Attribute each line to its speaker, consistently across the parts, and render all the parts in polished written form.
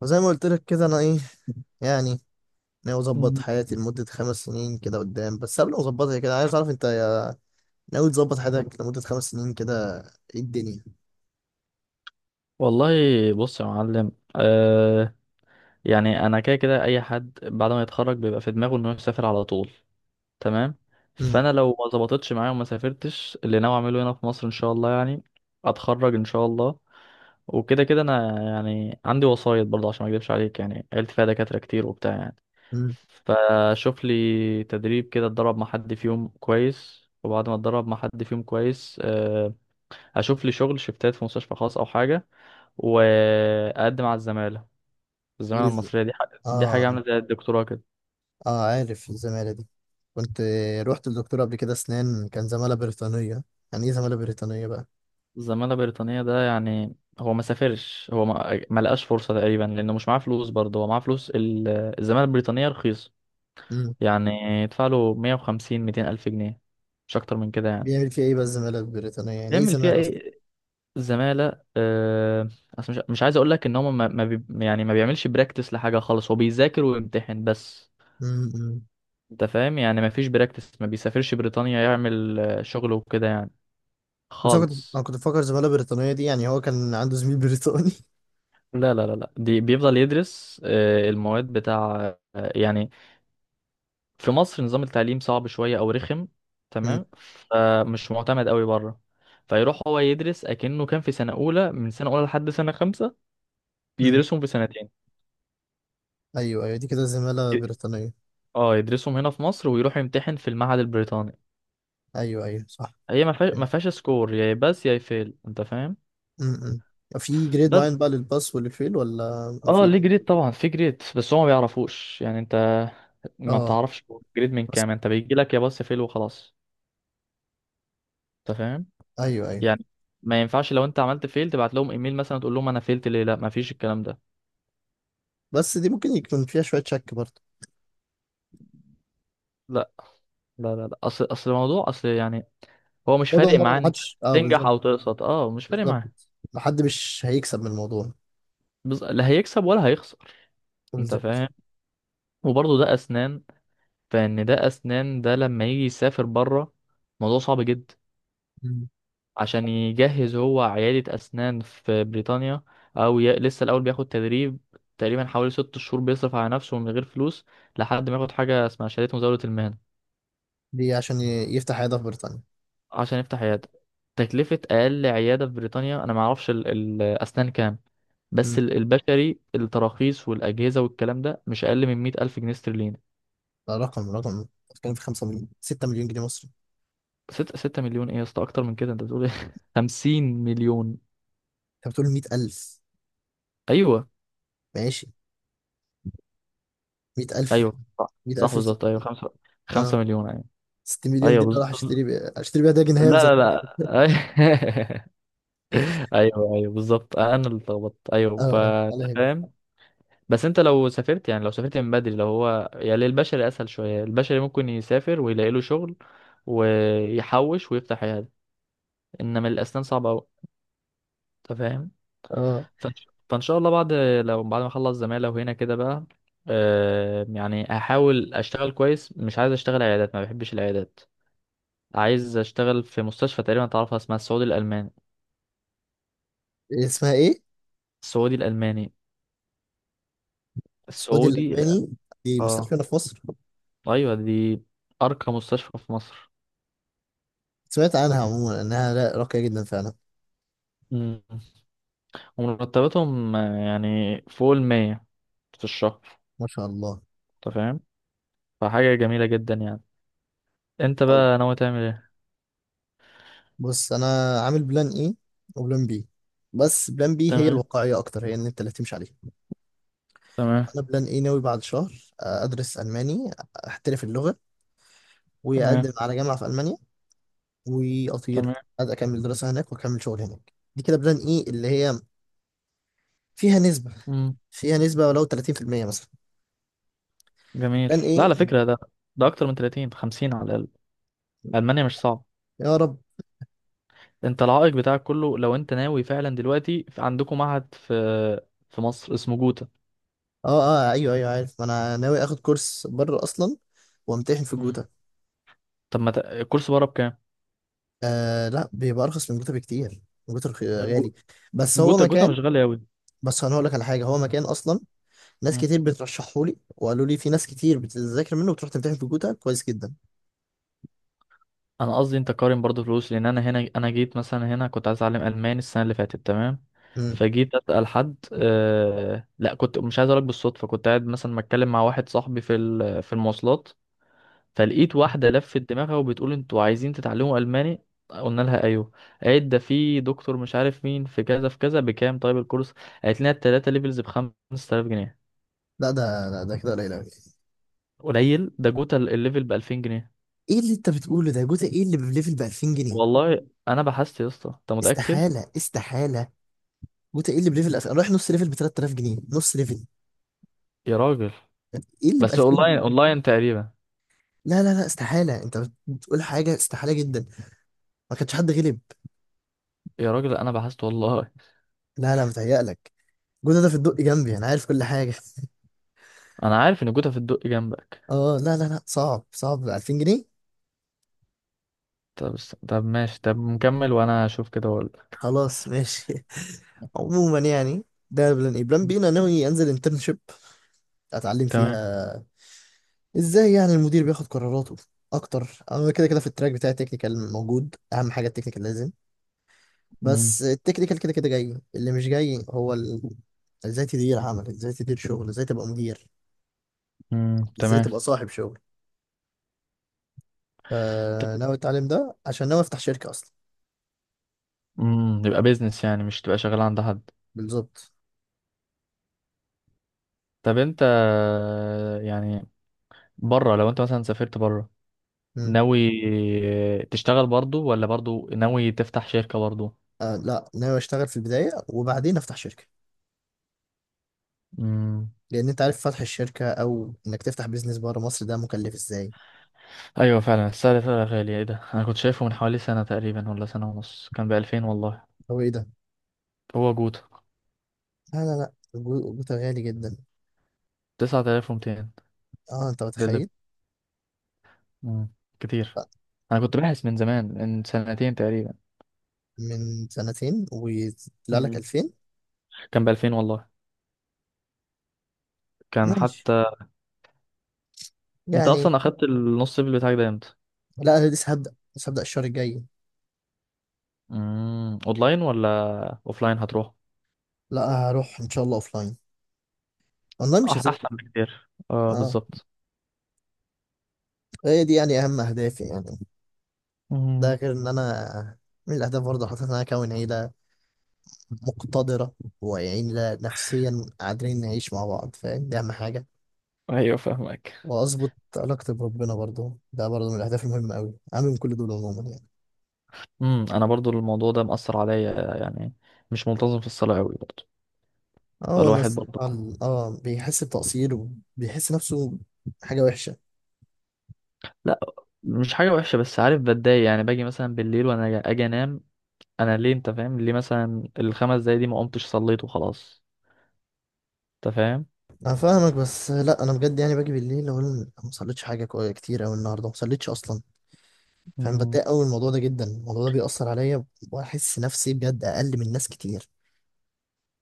Speaker 1: وزي ما قلت لك كده انا ايه يعني ناوي اظبط
Speaker 2: مم.
Speaker 1: حياتي لمدة خمس سنين كده قدام، بس قبل ما اظبطها كده عايز اعرف انت ناوي تظبط حياتك لمدة خمس سنين كده، ايه الدنيا.
Speaker 2: والله بص يا معلم، آه، يعني انا كده كده اي حد بعد ما يتخرج بيبقى في دماغه انه يسافر على طول، تمام.
Speaker 1: امم.
Speaker 2: فانا لو ما ظبطتش معايا وما سافرتش اللي ناوي اعمله هنا في مصر ان شاء الله، يعني اتخرج ان شاء الله. وكده كده انا يعني عندي وصاية برضه عشان ما اكدبش عليك، يعني عيلتي فيها دكاترة كتير وبتاع يعني.
Speaker 1: امم.
Speaker 2: فشوف لي تدريب كده اتدرب مع حد فيهم كويس، وبعد ما اتدرب مع حد فيهم كويس آه، اشوف لي شغل شفتات في مستشفى خاص او حاجة، واقدم على الزماله. الزماله
Speaker 1: ايزي.
Speaker 2: المصريه دي حاجه
Speaker 1: اه.
Speaker 2: عامله زي الدكتوراه كده.
Speaker 1: اه عارف الزمالة دي. كنت رحت للدكتور قبل كده اسنان، كان زمالة بريطانية. يعني ايه زمالة بريطانية بقى؟
Speaker 2: الزماله البريطانيه ده، يعني هو ما سافرش، هو ما لقاش فرصه تقريبا لانه مش معاه فلوس، برضه هو معاه فلوس الزماله البريطانيه رخيصه،
Speaker 1: امم.
Speaker 2: يعني يدفع له 150 200 الف جنيه، مش اكتر من كده يعني.
Speaker 1: بيعمل فيها ايه بقى الزمالة البريطانية؟ يعني ايه
Speaker 2: بيعمل فيها
Speaker 1: زمالة اصلا؟
Speaker 2: ايه الزماله؟ آه، اصل مش عايز اقول لك ان هو ما ما بي يعني ما بيعملش براكتس لحاجه خالص، هو بيذاكر ويمتحن بس.
Speaker 1: امم. أمم.
Speaker 2: انت فاهم؟ يعني ما فيش براكتس، ما بيسافرش بريطانيا يعمل آه، شغل وكده يعني
Speaker 1: بس انا كنت انا
Speaker 2: خالص.
Speaker 1: كنت بفكر زمالة بريطانية دي، يعني هو كان عنده زميل بريطاني.
Speaker 2: لا لا لا لا، دي بيفضل يدرس آه، المواد بتاع آه، يعني في مصر نظام التعليم صعب شوية أو رخم،
Speaker 1: امم.
Speaker 2: تمام. فمش معتمد قوي بره، فيروح هو يدرس أكنه كان في سنة أولى، من سنة أولى لحد سنة خمسة،
Speaker 1: امم.
Speaker 2: بيدرسهم في سنتين.
Speaker 1: ايوه ايوه، دي كده زمالة
Speaker 2: ي-
Speaker 1: بريطانية.
Speaker 2: اه يدرسهم هنا في مصر ويروح يمتحن في المعهد البريطاني.
Speaker 1: ايوه ايوه صح.
Speaker 2: هي ما فيهاش ما
Speaker 1: فهمت.
Speaker 2: فيهاش سكور يا بس يا فيل، انت فاهم.
Speaker 1: م- م. في جريد
Speaker 2: بس
Speaker 1: معين بقى للباس والفيل ولا
Speaker 2: اه ليه
Speaker 1: مفيش؟
Speaker 2: جريد؟ طبعا في جريد، بس هو ما بيعرفوش، يعني انت ما
Speaker 1: اه.
Speaker 2: بتعرفش جريد من
Speaker 1: بس
Speaker 2: كام، انت بيجي لك يا بس فيل وخلاص. انت فاهم،
Speaker 1: ايوه ايوه.
Speaker 2: يعني ما ينفعش لو انت عملت فيل تبعت لهم ايميل مثلا تقول لهم انا فيلت ليه، لا ما فيش الكلام ده.
Speaker 1: بس دي ممكن يكون فيها شويه شك. برضه
Speaker 2: لا لا لا لا، اصل الموضوع، اصل يعني هو مش
Speaker 1: برضه
Speaker 2: فارق
Speaker 1: برضه
Speaker 2: معاه، انت
Speaker 1: محدش اه
Speaker 2: تنجح
Speaker 1: بالظبط.
Speaker 2: او تقسط، اه مش فارق
Speaker 1: بالظبط،
Speaker 2: معاه.
Speaker 1: ما حد مش هيكسب من الموضوع.
Speaker 2: لا هيكسب ولا هيخسر، انت
Speaker 1: بالظبط.
Speaker 2: فاهم. وبرضه ده اسنان، فان ده اسنان ده لما يجي يسافر بره موضوع صعب جدا،
Speaker 1: م.
Speaker 2: عشان يجهز هو عيادة اسنان في بريطانيا. لسه الاول بياخد تدريب تقريبا حوالي 6 شهور، بيصرف على نفسه من غير فلوس، لحد ما ياخد حاجة اسمها شهادة مزاولة المهنة،
Speaker 1: دي عشان يفتح عياده في بريطانيا.
Speaker 2: عشان يفتح عيادة. تكلفة أقل عيادة في بريطانيا، أنا معرفش الأسنان كام، بس
Speaker 1: م.
Speaker 2: البشري التراخيص والأجهزة والكلام ده مش أقل من 100 ألف جنيه استرليني.
Speaker 1: ده رقم بتتكلم في 5 مليون 6 مليون جنيه مصري.
Speaker 2: ستة مليون إيه يا اسطى؟ أكتر من كده، أنت بتقول إيه؟ 50 مليون.
Speaker 1: انت بتقول 100,000.
Speaker 2: أيوه،
Speaker 1: ماشي. 100,000.
Speaker 2: أيوه صح
Speaker 1: 100,000
Speaker 2: صح
Speaker 1: في سنة.
Speaker 2: بالظبط، أيوه، خمسة
Speaker 1: اه
Speaker 2: مليون أيوه.
Speaker 1: 6 مليون دي
Speaker 2: أيوه
Speaker 1: انا راح اشتري بيها داجن هامز. اه.
Speaker 2: لا لا لا، أيوه أيوه بالظبط، أنا اللي اتلخبطت، أيوه
Speaker 1: اه على هنا.
Speaker 2: بس انت لو سافرت، يعني لو سافرت من بدري، لو هو يعني البشري اسهل شويه، البشري ممكن يسافر ويلاقي له شغل ويحوش ويفتح عياده، انما الاسنان صعبه قوي، انت فاهم.
Speaker 1: اه.
Speaker 2: فإن شاء الله بعد، لو بعد ما اخلص زماله وهنا كده بقى آه، يعني هحاول اشتغل كويس، مش عايز اشتغل عيادات، ما بحبش العيادات، عايز اشتغل في مستشفى تقريبا تعرفها اسمها السعودي الالماني.
Speaker 1: إيه اسمها ايه؟
Speaker 2: السعودي الالماني.
Speaker 1: السعودي
Speaker 2: السعودي، لا.
Speaker 1: الألماني. في مستشفى
Speaker 2: اه
Speaker 1: هنا في مصر.
Speaker 2: ايوه دي ارقى مستشفى في مصر.
Speaker 1: سمعت عنها عموما إنها راقية جدا فعلا.
Speaker 2: مم. ومرتباتهم آه، يعني فوق المية في الشهر،
Speaker 1: ما شاء الله.
Speaker 2: انت فاهم، فحاجة جميلة جدا يعني. انت
Speaker 1: طب
Speaker 2: بقى ناوي تعمل ايه؟
Speaker 1: بص أنا عامل بلان إيه وبلان بي، بس بلان بي هي
Speaker 2: تمام.
Speaker 1: الواقعية أكتر، هي إن أنت اللي تمشي عليها.
Speaker 2: تمام.
Speaker 1: أنا بلان إيه ناوي بعد شهر أدرس ألماني، أحترف اللغة
Speaker 2: تمام.
Speaker 1: وأقدم على جامعة في ألمانيا وأطير.
Speaker 2: تمام.
Speaker 1: عايز أكمل دراسة هناك وأكمل شغل هناك، دي كده بلان إيه اللي هي فيها نسبة
Speaker 2: مم.
Speaker 1: فيها نسبة ولو 30% مثلا.
Speaker 2: جميل.
Speaker 1: بلان
Speaker 2: لا
Speaker 1: إيه.
Speaker 2: على فكرة ده، ده أكتر من 30 50 على الأقل. ألمانيا مش صعب.
Speaker 1: يا رب.
Speaker 2: انت العائق بتاعك كله، لو انت ناوي فعلا دلوقتي عندكم معهد في مصر اسمه جوتا.
Speaker 1: اه. اه ايوه ايوه عارف، ما انا ناوي اخد كورس بره اصلا وامتحن في
Speaker 2: مم.
Speaker 1: جوتا.
Speaker 2: طب ما ت- الكورس بره بكام؟
Speaker 1: آه لا، بيبقى ارخص من جوتا بكتير. جوتا غالي.
Speaker 2: جو-
Speaker 1: بس هو
Speaker 2: جوتا
Speaker 1: مكان.
Speaker 2: مش غالي أوي.
Speaker 1: بس انا هقول لك على حاجه، هو مكان اصلا ناس كتير بترشحه لي وقالوا لي في ناس كتير بتذاكر منه وتروح تمتحن في جوتا كويس جدا.
Speaker 2: انا قصدي انت قارن برضو فلوس، لان انا هنا، انا جيت مثلا هنا كنت عايز اتعلم الماني السنه اللي فاتت، تمام.
Speaker 1: امم.
Speaker 2: فجيت اسال حد لا، كنت مش عايز اقولك، بالصدفه كنت قاعد مثلا بتكلم مع واحد صاحبي في في المواصلات، فلقيت واحده لفت دماغها وبتقول انتوا عايزين تتعلموا الماني؟ قلنا لها ايوه. قالت ده في دكتور مش عارف مين في كذا في كذا بكام طيب الكورس، قالت لنا التلاته ليفلز ب 5000 جنيه.
Speaker 1: لا ده كده قليل قوي.
Speaker 2: قليل؟ ده جوتا الليفل ب 2000 جنيه،
Speaker 1: ايه اللي انت بتقوله ده؟ جوتا ايه اللي بليفل ب 2000 جنيه؟
Speaker 2: والله انا بحثت يا اسطى. انت متاكد؟
Speaker 1: استحاله استحاله. جوتا ايه اللي بليفل 2000؟ رايح نص ليفل ب 3000 جنيه، نص ليفل.
Speaker 2: يا راجل،
Speaker 1: ايه اللي ب
Speaker 2: بس
Speaker 1: 2000؟
Speaker 2: اونلاين اونلاين تقريبا.
Speaker 1: لا لا لا استحاله، انت بتقول حاجه استحاله جدا، ما كانش حد غلب.
Speaker 2: يا راجل انا بحثت والله.
Speaker 1: لا لا، متهيألك. جوده ده في الدق جنبي، انا عارف كل حاجه.
Speaker 2: انا عارف ان جوتا في الدق جنبك.
Speaker 1: اه لا لا لا، صعب، صعب ب 2000 جنيه.
Speaker 2: طب بس طب ماشي، طب نكمل وانا اشوف كده واقول لك.
Speaker 1: خلاص ماشي. عموما يعني ده بلان ايه. بلان بي انا ناوي انزل انترنشيب، اتعلم
Speaker 2: تمام.
Speaker 1: فيها ازاي يعني المدير بياخد قراراته اكتر. انا كده كده في التراك بتاع التكنيكال موجود، اهم حاجه التكنيكال لازم،
Speaker 2: مم.
Speaker 1: بس التكنيكال كده كده جاي اللي مش جاي، ازاي تدير عمل، ازاي تدير شغل، ازاي تبقى مدير،
Speaker 2: مم.
Speaker 1: ازاي
Speaker 2: تمام.
Speaker 1: تبقى صاحب شغل. فناوي اتعلم ده عشان ناوي افتح شركه اصلا.
Speaker 2: امم، يبقى بيزنس، يعني مش تبقى شغال عند حد.
Speaker 1: بالظبط.
Speaker 2: طب انت، يعني بره لو انت مثلا سافرت بره،
Speaker 1: مم.
Speaker 2: ناوي تشتغل برضو ولا برضو ناوي تفتح شركة برضو؟
Speaker 1: آه لا، ناوي اشتغل في البدايه وبعدين افتح شركه،
Speaker 2: امم.
Speaker 1: لان انت عارف فتح الشركه او انك تفتح بيزنس بره مصر ده مكلف ازاي.
Speaker 2: ايوه فعلا، السعر فعلا غالي. ايه ده، انا كنت شايفه من حوالي سنة تقريبا ولا سنة ونص، كان بألفين والله.
Speaker 1: هو ايه ده؟
Speaker 2: هو جوتا؟
Speaker 1: لا لا لا الجوتا غالي جدا.
Speaker 2: 9200
Speaker 1: اه انت
Speaker 2: للب.
Speaker 1: متخيل.
Speaker 2: مم. كتير.
Speaker 1: لا.
Speaker 2: أنا كنت باحث من زمان، من سنتين تقريبا.
Speaker 1: من سنتين ويطلع لك
Speaker 2: مم.
Speaker 1: 2000؟
Speaker 2: كان بألفين والله. كان
Speaker 1: ماشي
Speaker 2: حتى. أنت
Speaker 1: يعني.
Speaker 2: أصلا أخدت النص صيف بتاعك ده إمتى؟
Speaker 1: لا انا لسه هبدا الشهر الجاي.
Speaker 2: مم. أونلاين ولا أوفلاين هتروح؟
Speaker 1: لا، هروح ان شاء الله اوف لاين، اونلاين مش هذاكر.
Speaker 2: أحسن بكتير، أه
Speaker 1: اه.
Speaker 2: بالظبط.
Speaker 1: هي دي يعني اهم اهدافي يعني. ده
Speaker 2: مم.
Speaker 1: غير ان انا من الاهداف برضه حاطط ان انا اكون عيله مقتدرة، ويعني نفسيا قادرين نعيش مع بعض، فاهم؟ دي أهم حاجة.
Speaker 2: أيوه فاهمك.
Speaker 1: وأظبط علاقتي بربنا برضو، ده برضو من الأهداف المهمة أوي، أهم من كل دول عموما يعني.
Speaker 2: مم. أنا برضو الموضوع ده مأثر عليا، يعني مش منتظم في الصلاة أوي برضو،
Speaker 1: اه هو
Speaker 2: فالواحد
Speaker 1: الناس
Speaker 2: برضو.
Speaker 1: بيحس بتقصير، وبيحس نفسه حاجة وحشة.
Speaker 2: لا مش حاجة وحشة، بس عارف بتضايق، يعني باجي مثلا بالليل وأنا أجي أنام، انا ليه؟ انت فاهم ليه؟ مثلا الخمس دقايق دي ما قمتش صليت وخلاص، انت فاهم.
Speaker 1: أنا فاهمك، بس لا أنا بجد يعني باجي بالليل أقول أنا ما صليتش حاجة كتير أوي النهاردة ما صليتش أصلا. فاهم؟
Speaker 2: مم.
Speaker 1: بتضايق أوي من الموضوع ده جدا، الموضوع ده بيأثر عليا، وأحس نفسي بجد أقل من ناس كتير،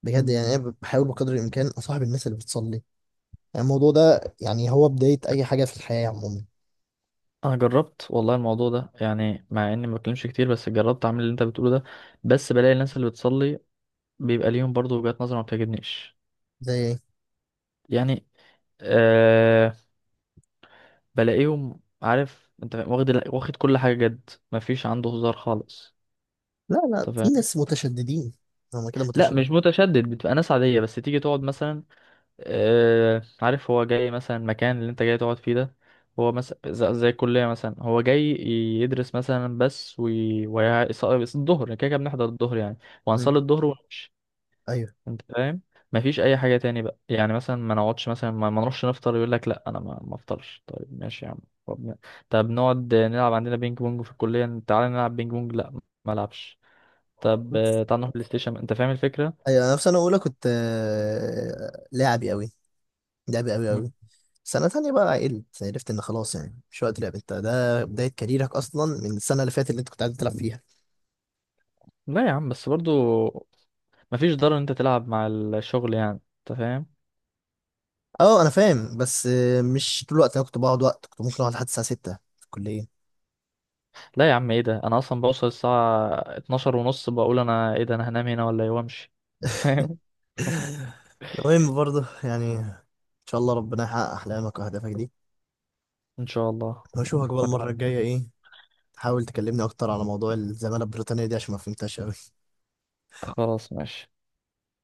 Speaker 1: بجد يعني.
Speaker 2: مم.
Speaker 1: أنا بحاول بقدر الإمكان أصاحب الناس اللي بتصلي، يعني الموضوع ده يعني هو بداية أي حاجة في الحياة عموما.
Speaker 2: انا جربت والله الموضوع ده، يعني مع اني ما بتكلمش كتير بس جربت اعمل اللي انت بتقوله ده، بس بلاقي الناس اللي بتصلي بيبقى ليهم برضو وجهات نظر ما بتعجبنيش،
Speaker 1: زي إيه؟
Speaker 2: يعني آه بلاقيهم عارف، انت فاهم؟ واخد واخد كل حاجه جد، ما فيش عنده هزار خالص،
Speaker 1: لا لا،
Speaker 2: انت
Speaker 1: في
Speaker 2: فاهم.
Speaker 1: ناس متشددين، هما كده
Speaker 2: لا
Speaker 1: متشدد.
Speaker 2: مش متشدد، بتبقى ناس عاديه بس تيجي تقعد مثلا آه، عارف هو جاي مثلا المكان اللي انت جاي تقعد فيه ده، هو مثلا زي الكلية مثلا، هو جاي يدرس مثلا بس الظهر كده كده بنحضر الظهر يعني،
Speaker 1: مم.
Speaker 2: وهنصلي الظهر ونمشي،
Speaker 1: أيوه
Speaker 2: انت فاهم. مفيش اي حاجة تاني بقى، يعني مثلا ما نقعدش، مثلا ما نروحش نفطر، يقول لك لا انا ما افطرش، طيب ماشي يا عم. طب, ن- طب نقعد نلعب عندنا بينج بونج في الكلية، تعالى نلعب بينج بونج، لا ما العبش. طب آه، تعالى نروح بلاي ستيشن، انت فاهم الفكرة.
Speaker 1: أيوه. أنا في سنة أولى كنت لاعبي أوي، لاعبي أوي
Speaker 2: مم.
Speaker 1: أوي. سنة تانية بقى عقلت، عرفت إن خلاص يعني مش وقت لعب، أنت ده بداية كاريرك أصلا من السنة اللي فاتت اللي أنت كنت قاعد تلعب فيها.
Speaker 2: لا يا عم، بس برضو مفيش ضرر ان انت تلعب مع الشغل، يعني انت فاهم.
Speaker 1: أه أنا فاهم بس مش طول الوقت، أنا كنت بقعد وقت كنت ممكن أقعد لحد الساعة 6 في الكلية.
Speaker 2: لا يا عم ايه ده، انا اصلا بوصل الساعه 12 ونص، بقول انا ايه ده، انا هنام هنا ولا ايه وامشي، فاهم.
Speaker 1: المهم برضه يعني إن شاء الله ربنا يحقق أحلامك وأهدافك دي،
Speaker 2: ان شاء الله.
Speaker 1: واشوفك بقى المرة
Speaker 2: وأتمنى.
Speaker 1: الجاية. ايه، تحاول تكلمني اكتر على موضوع الزمالة البريطانية دي عشان ما فهمتهاش اوي.
Speaker 2: خلاص ماشي.